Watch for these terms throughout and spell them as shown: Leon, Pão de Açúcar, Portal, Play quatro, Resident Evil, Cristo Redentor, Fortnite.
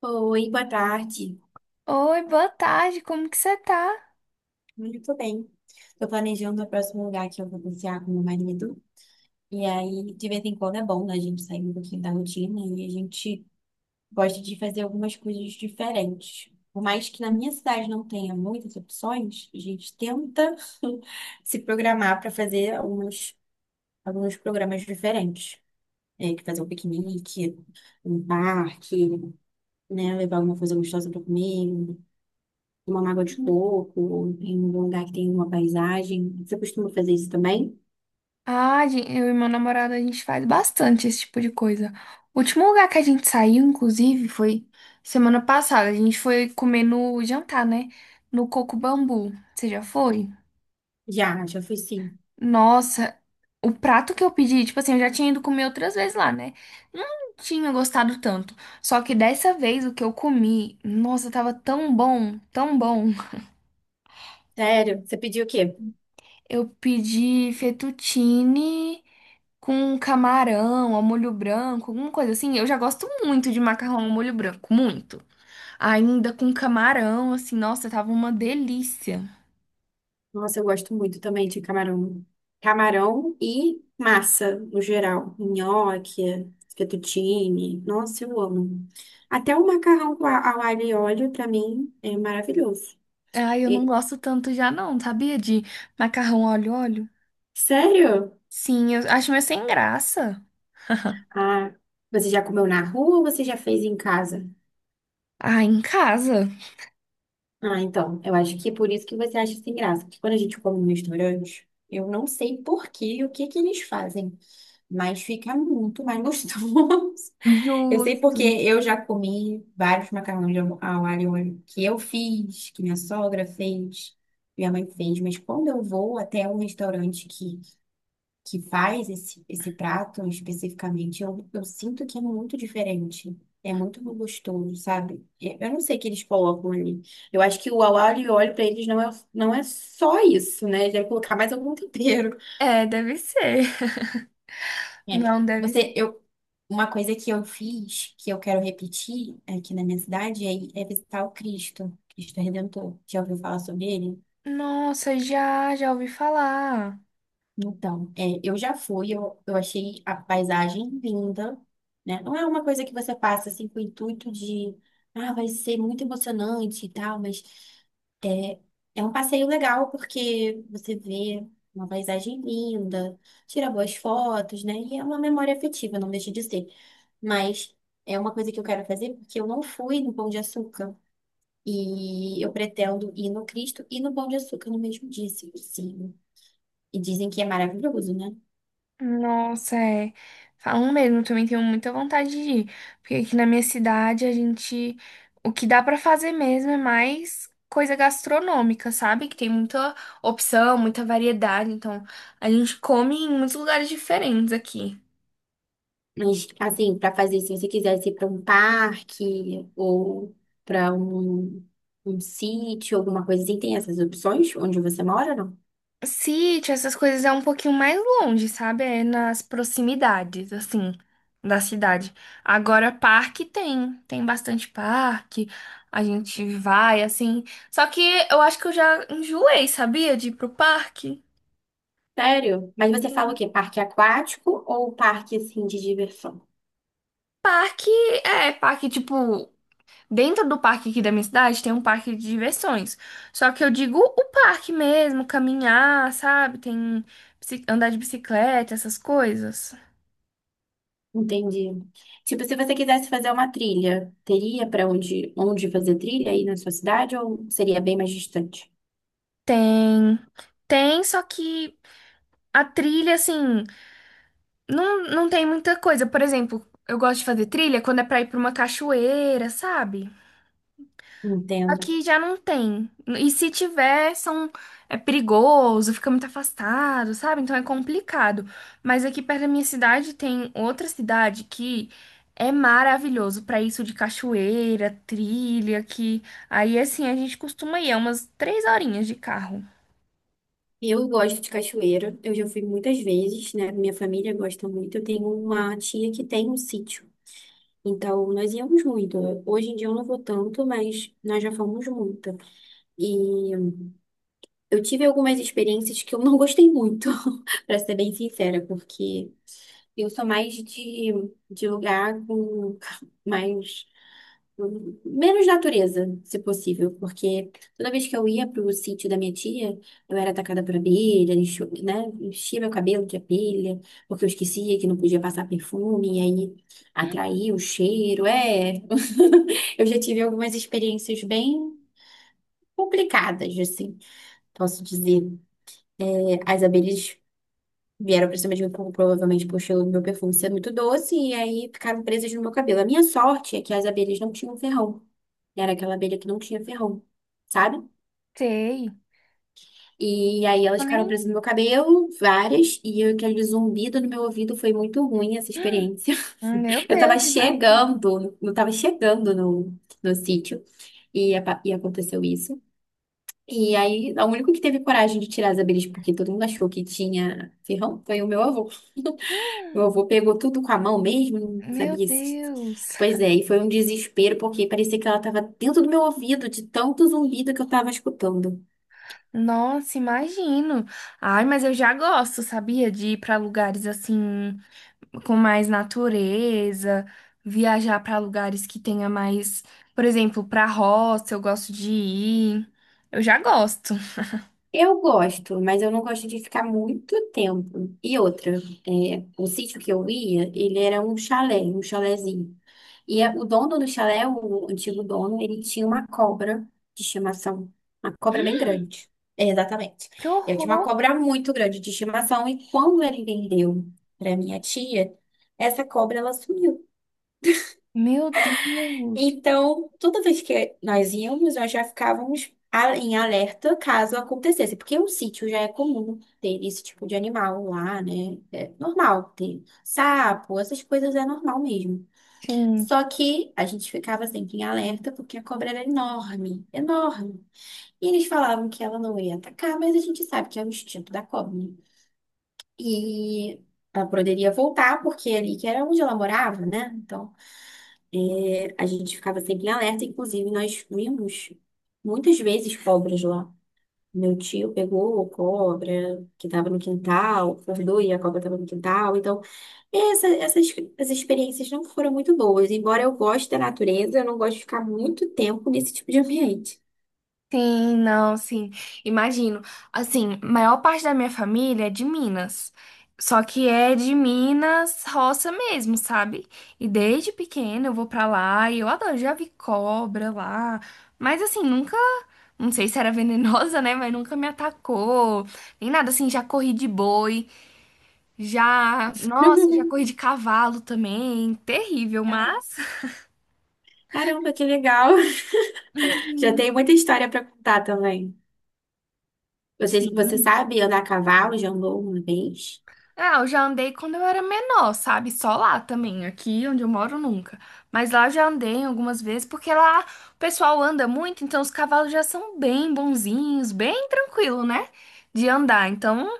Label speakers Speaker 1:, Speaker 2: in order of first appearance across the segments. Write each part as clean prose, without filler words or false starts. Speaker 1: Oi, boa tarde.
Speaker 2: Oi, boa tarde, como que você tá?
Speaker 1: Muito bem. Estou planejando o próximo lugar que eu vou passear com meu marido. E aí, de vez em quando é bom, né? A gente sair um pouquinho da rotina e a gente gosta de fazer algumas coisas diferentes. Por mais que na minha cidade não tenha muitas opções, a gente tenta se programar para fazer alguns programas diferentes. É, que fazer um piquenique, um parque, né? Levar alguma coisa gostosa para comer, uma mágoa de coco, ou em um lugar que tem uma paisagem. Você costuma fazer isso também?
Speaker 2: Eu e meu namorado, a gente faz bastante esse tipo de coisa. O último lugar que a gente saiu, inclusive, foi semana passada. A gente foi comer no jantar, né? No Coco Bambu. Você já foi?
Speaker 1: Já, já fui sim.
Speaker 2: Nossa, o prato que eu pedi, tipo assim, eu já tinha ido comer outras vezes lá, né? Não tinha gostado tanto. Só que dessa vez o que eu comi, nossa, tava tão bom, tão bom.
Speaker 1: Sério? Você pediu o quê?
Speaker 2: Eu pedi fettuccine com um camarão ao molho branco, alguma coisa assim. Eu já gosto muito de macarrão ao molho branco, muito. Ainda com camarão, assim, nossa, tava uma delícia.
Speaker 1: Nossa, eu gosto muito também de camarão. Camarão e massa, no geral. Nhoque, fettuccine. Nossa, eu amo. Até o macarrão com ao alho e óleo, pra mim, é maravilhoso.
Speaker 2: Ai, eu não
Speaker 1: E-
Speaker 2: gosto tanto já não, sabia? De macarrão óleo.
Speaker 1: Sério?
Speaker 2: Sim, eu acho meio sem graça.
Speaker 1: Ah, você já comeu na rua ou você já fez em casa?
Speaker 2: Ah, em casa?
Speaker 1: Ah, então, eu acho que é por isso que você acha sem graça. Porque quando a gente come no restaurante, eu não sei por quê e o que que eles fazem, mas fica muito mais gostoso. Eu sei
Speaker 2: Justo.
Speaker 1: porque eu já comi vários macarrões de ao alho e óleo que eu fiz, que minha sogra fez, minha mãe fez, mas quando eu vou até um restaurante que faz esse prato especificamente, eu sinto que é muito diferente. É muito gostoso, sabe? Eu não sei o que eles colocam ali. Eu acho que o au alho e óleo para eles não é só isso, né? Deve colocar mais algum tempero.
Speaker 2: É, deve ser.
Speaker 1: É,
Speaker 2: Não, deve ser.
Speaker 1: Você, eu, uma coisa que eu fiz, que eu quero repetir aqui na minha cidade, é visitar o Cristo Redentor. Já ouviu falar sobre ele?
Speaker 2: Nossa, já, já ouvi falar.
Speaker 1: Então, é, eu já fui, eu achei a paisagem linda, né? Não é uma coisa que você passa assim com o intuito de, ah, vai ser muito emocionante e tal, mas é, é um passeio legal porque você vê uma paisagem linda, tira boas fotos, né? E é uma memória afetiva, não deixa de ser. Mas é uma coisa que eu quero fazer porque eu não fui no Pão de Açúcar e eu pretendo ir no Cristo e no Pão de Açúcar no mesmo dia, se possível. E dizem que é maravilhoso, né?
Speaker 2: Nossa, é. Falam mesmo, também tenho muita vontade de ir. Porque aqui na minha cidade a gente. O que dá pra fazer mesmo é mais coisa gastronômica, sabe? Que tem muita opção, muita variedade. Então a gente come em muitos lugares diferentes aqui.
Speaker 1: Mas, assim, para fazer, se você quisesse ir para um parque ou para um sítio, alguma coisa assim, tem essas opções onde você mora, não?
Speaker 2: Sítio, essas coisas é um pouquinho mais longe, sabe? É nas proximidades, assim, da cidade. Agora, parque tem, tem bastante parque, a gente vai, assim. Só que eu acho que eu já enjoei, sabia? De ir pro parque.
Speaker 1: Sério? Mas você fala o quê? Parque aquático ou parque, assim, de diversão?
Speaker 2: Parque, é, parque, tipo, dentro do parque aqui da minha cidade tem um parque de diversões. Só que eu digo o parque mesmo, caminhar, sabe? Tem bici- andar de bicicleta, essas coisas.
Speaker 1: Entendi. Tipo, se você quisesse fazer uma trilha, teria para onde fazer trilha aí na sua cidade ou seria bem mais distante?
Speaker 2: Tem, tem, só que a trilha, assim, não tem muita coisa. Por exemplo, eu gosto de fazer trilha quando é pra ir pra uma cachoeira, sabe?
Speaker 1: Entendo.
Speaker 2: Aqui já não tem. E se tiver, são, é perigoso, fica muito afastado, sabe? Então é complicado. Mas aqui perto da minha cidade tem outra cidade que é maravilhoso pra isso de cachoeira, trilha, que aí assim a gente costuma ir, é umas três horinhas de carro.
Speaker 1: Eu gosto de cachoeira, eu já fui muitas vezes, né? Minha família gosta muito. Eu tenho uma tia que tem um sítio. Então, nós íamos muito. Hoje em dia eu não vou tanto, mas nós já fomos muito. E eu tive algumas experiências que eu não gostei muito, pra ser bem sincera, porque eu sou mais de lugar com mais. Menos natureza, se possível, porque toda vez que eu ia pro sítio da minha tia, eu era atacada por abelha, né? Enchia meu cabelo de abelha, porque eu esquecia que não podia passar perfume, e aí atraía o cheiro. É, eu já tive algumas experiências bem complicadas, assim, posso dizer. É, as abelhas vieram pra cima de mim, provavelmente por o meu perfume ser muito doce, e aí ficaram presas no meu cabelo. A minha sorte é que as abelhas não tinham ferrão. Era aquela abelha que não tinha ferrão, sabe?
Speaker 2: Sei.
Speaker 1: E aí elas ficaram presas no meu cabelo, várias, e aquele zumbido no meu ouvido foi muito ruim essa experiência.
Speaker 2: Ah, meu
Speaker 1: Eu tava
Speaker 2: Deus, imagina.
Speaker 1: chegando, não tava chegando no sítio, e, e aconteceu isso. E aí, o único que teve coragem de tirar as abelhas, porque todo mundo achou que tinha ferrão, foi o meu avô. Meu avô pegou tudo com a mão mesmo, não
Speaker 2: Meu
Speaker 1: sabia se.
Speaker 2: Deus.
Speaker 1: Pois é, e foi um desespero, porque parecia que ela estava dentro do meu ouvido, de tanto zumbido que eu estava escutando.
Speaker 2: Nossa, imagino. Ai, mas eu já gosto, sabia? De ir para lugares assim, com mais natureza, viajar para lugares que tenha mais, por exemplo, para roça, eu gosto de ir. Eu já gosto.
Speaker 1: Eu gosto, mas eu não gosto de ficar muito tempo. E outra, é, o sítio que eu ia, ele era um chalé, um chalézinho. E o dono do chalé, o antigo dono, ele tinha uma cobra de estimação, uma cobra bem grande. É, exatamente.
Speaker 2: Que
Speaker 1: Eu tinha uma
Speaker 2: horror!
Speaker 1: cobra muito grande de estimação e quando ele vendeu para minha tia, essa cobra ela sumiu.
Speaker 2: Meu Deus.
Speaker 1: Então, toda vez que nós íamos, nós já ficávamos em alerta caso acontecesse, porque o sítio já é comum ter esse tipo de animal lá, né? É normal ter sapo, essas coisas é normal mesmo.
Speaker 2: Sim.
Speaker 1: Só que a gente ficava sempre em alerta porque a cobra era enorme, enorme. E eles falavam que ela não ia atacar, mas a gente sabe que é o instinto da cobra, né? E ela poderia voltar porque é ali que era onde ela morava, né? Então é, a gente ficava sempre em alerta, inclusive nós vimos muitas vezes cobras lá. Meu tio pegou cobra que estava no quintal, acordou e a cobra estava no quintal. Então, essa- essas, as experiências não foram muito boas. Embora eu goste da natureza, eu não gosto de ficar muito tempo nesse tipo de ambiente.
Speaker 2: Sim, não, sim. Imagino. Assim, maior parte da minha família é de Minas. Só que é de Minas roça mesmo, sabe? E desde pequena eu vou pra lá e eu adoro, já vi cobra lá. Mas assim, nunca, não sei se era venenosa, né? Mas nunca me atacou. Nem nada assim, já corri de boi, já, nossa, já corri de cavalo também. Terrível,
Speaker 1: Cara-
Speaker 2: mas
Speaker 1: Caramba, que legal! Já tem muita história para contar também. Você sabe andar a cavalo? Já andou uma vez?
Speaker 2: ah, eu já andei quando eu era menor, sabe? Só lá também, aqui onde eu moro nunca. Mas lá eu já andei algumas vezes, porque lá o pessoal anda muito, então os cavalos já são bem bonzinhos, bem tranquilo, né? De andar. Então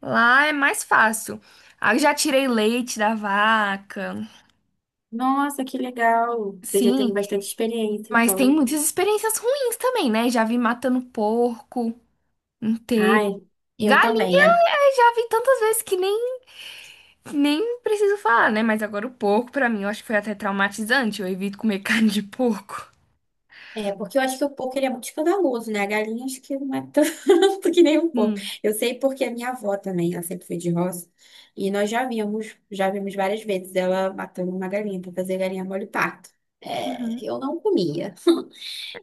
Speaker 2: lá é mais fácil. Ah, eu já tirei leite da vaca,
Speaker 1: Nossa, que legal. Você já teve
Speaker 2: sim,
Speaker 1: bastante experiência,
Speaker 2: mas tem
Speaker 1: então.
Speaker 2: muitas experiências ruins também, né? Já vi matando porco inteiro.
Speaker 1: Ai, eu
Speaker 2: Galinha,
Speaker 1: também.
Speaker 2: eu já vi tantas vezes que nem nem preciso falar, né? Mas agora o porco, pra mim, eu acho que foi até traumatizante. Eu evito comer carne de porco.
Speaker 1: Porque eu acho que o porco ele é muito escandaloso, né? A galinha acho que não é tanto que nem um porco.
Speaker 2: Hum.
Speaker 1: Eu sei porque a minha avó também, ela sempre foi de roça. E nós já vimos várias vezes ela matando uma galinha para fazer galinha molho parto. É,
Speaker 2: Uhum.
Speaker 1: eu não comia.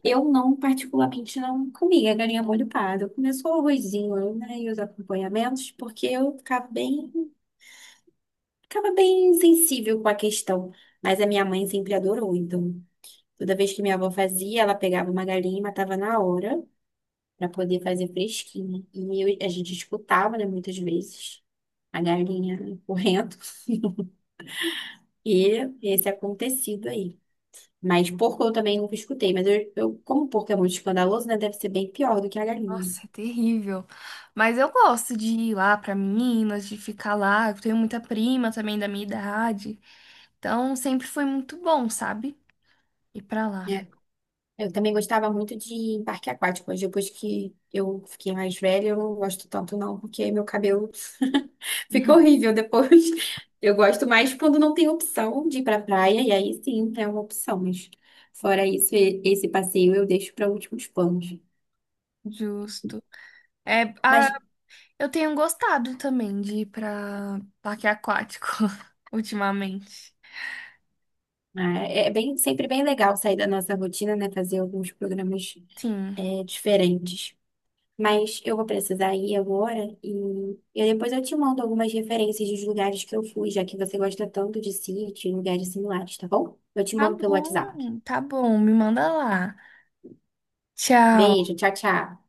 Speaker 1: Eu não, particularmente, não comia galinha molho pardo. Eu comia só o arrozinho, né, e os acompanhamentos, porque eu ficava bem ficava bem sensível com a questão, mas a minha mãe sempre adorou, então. Toda vez que minha avó fazia, ela pegava uma galinha e matava na hora para poder fazer fresquinha. E a gente escutava, né, muitas vezes a galinha correndo e esse acontecido aí. Mas porco eu também nunca escutei, mas eu como porco é muito escandaloso, né, deve ser bem pior do que a galinha.
Speaker 2: Nossa, é terrível. Mas eu gosto de ir lá pra Minas, de ficar lá. Eu tenho muita prima também da minha idade. Então, sempre foi muito bom, sabe? Ir pra lá.
Speaker 1: Eu também gostava muito de parque aquático, mas depois que eu fiquei mais velha, eu não gosto tanto não, porque meu cabelo fica
Speaker 2: Uhum.
Speaker 1: horrível depois. Eu gosto mais quando não tem opção de ir pra praia, e aí sim é uma opção, mas fora isso, esse passeio eu deixo para últimos planos.
Speaker 2: Justo. É, ah,
Speaker 1: Mas
Speaker 2: eu tenho gostado também de ir pra parque aquático ultimamente.
Speaker 1: ah, é bem, sempre bem legal sair da nossa rotina, né? Fazer alguns programas
Speaker 2: Sim.
Speaker 1: diferentes. Mas eu vou precisar ir agora e depois eu te mando algumas referências dos lugares que eu fui, já que você gosta tanto de sítio e lugares similares, tá bom? Eu te
Speaker 2: Tá
Speaker 1: mando pelo WhatsApp.
Speaker 2: bom, tá bom. Me manda lá. Tchau.
Speaker 1: Beijo, tchau, tchau.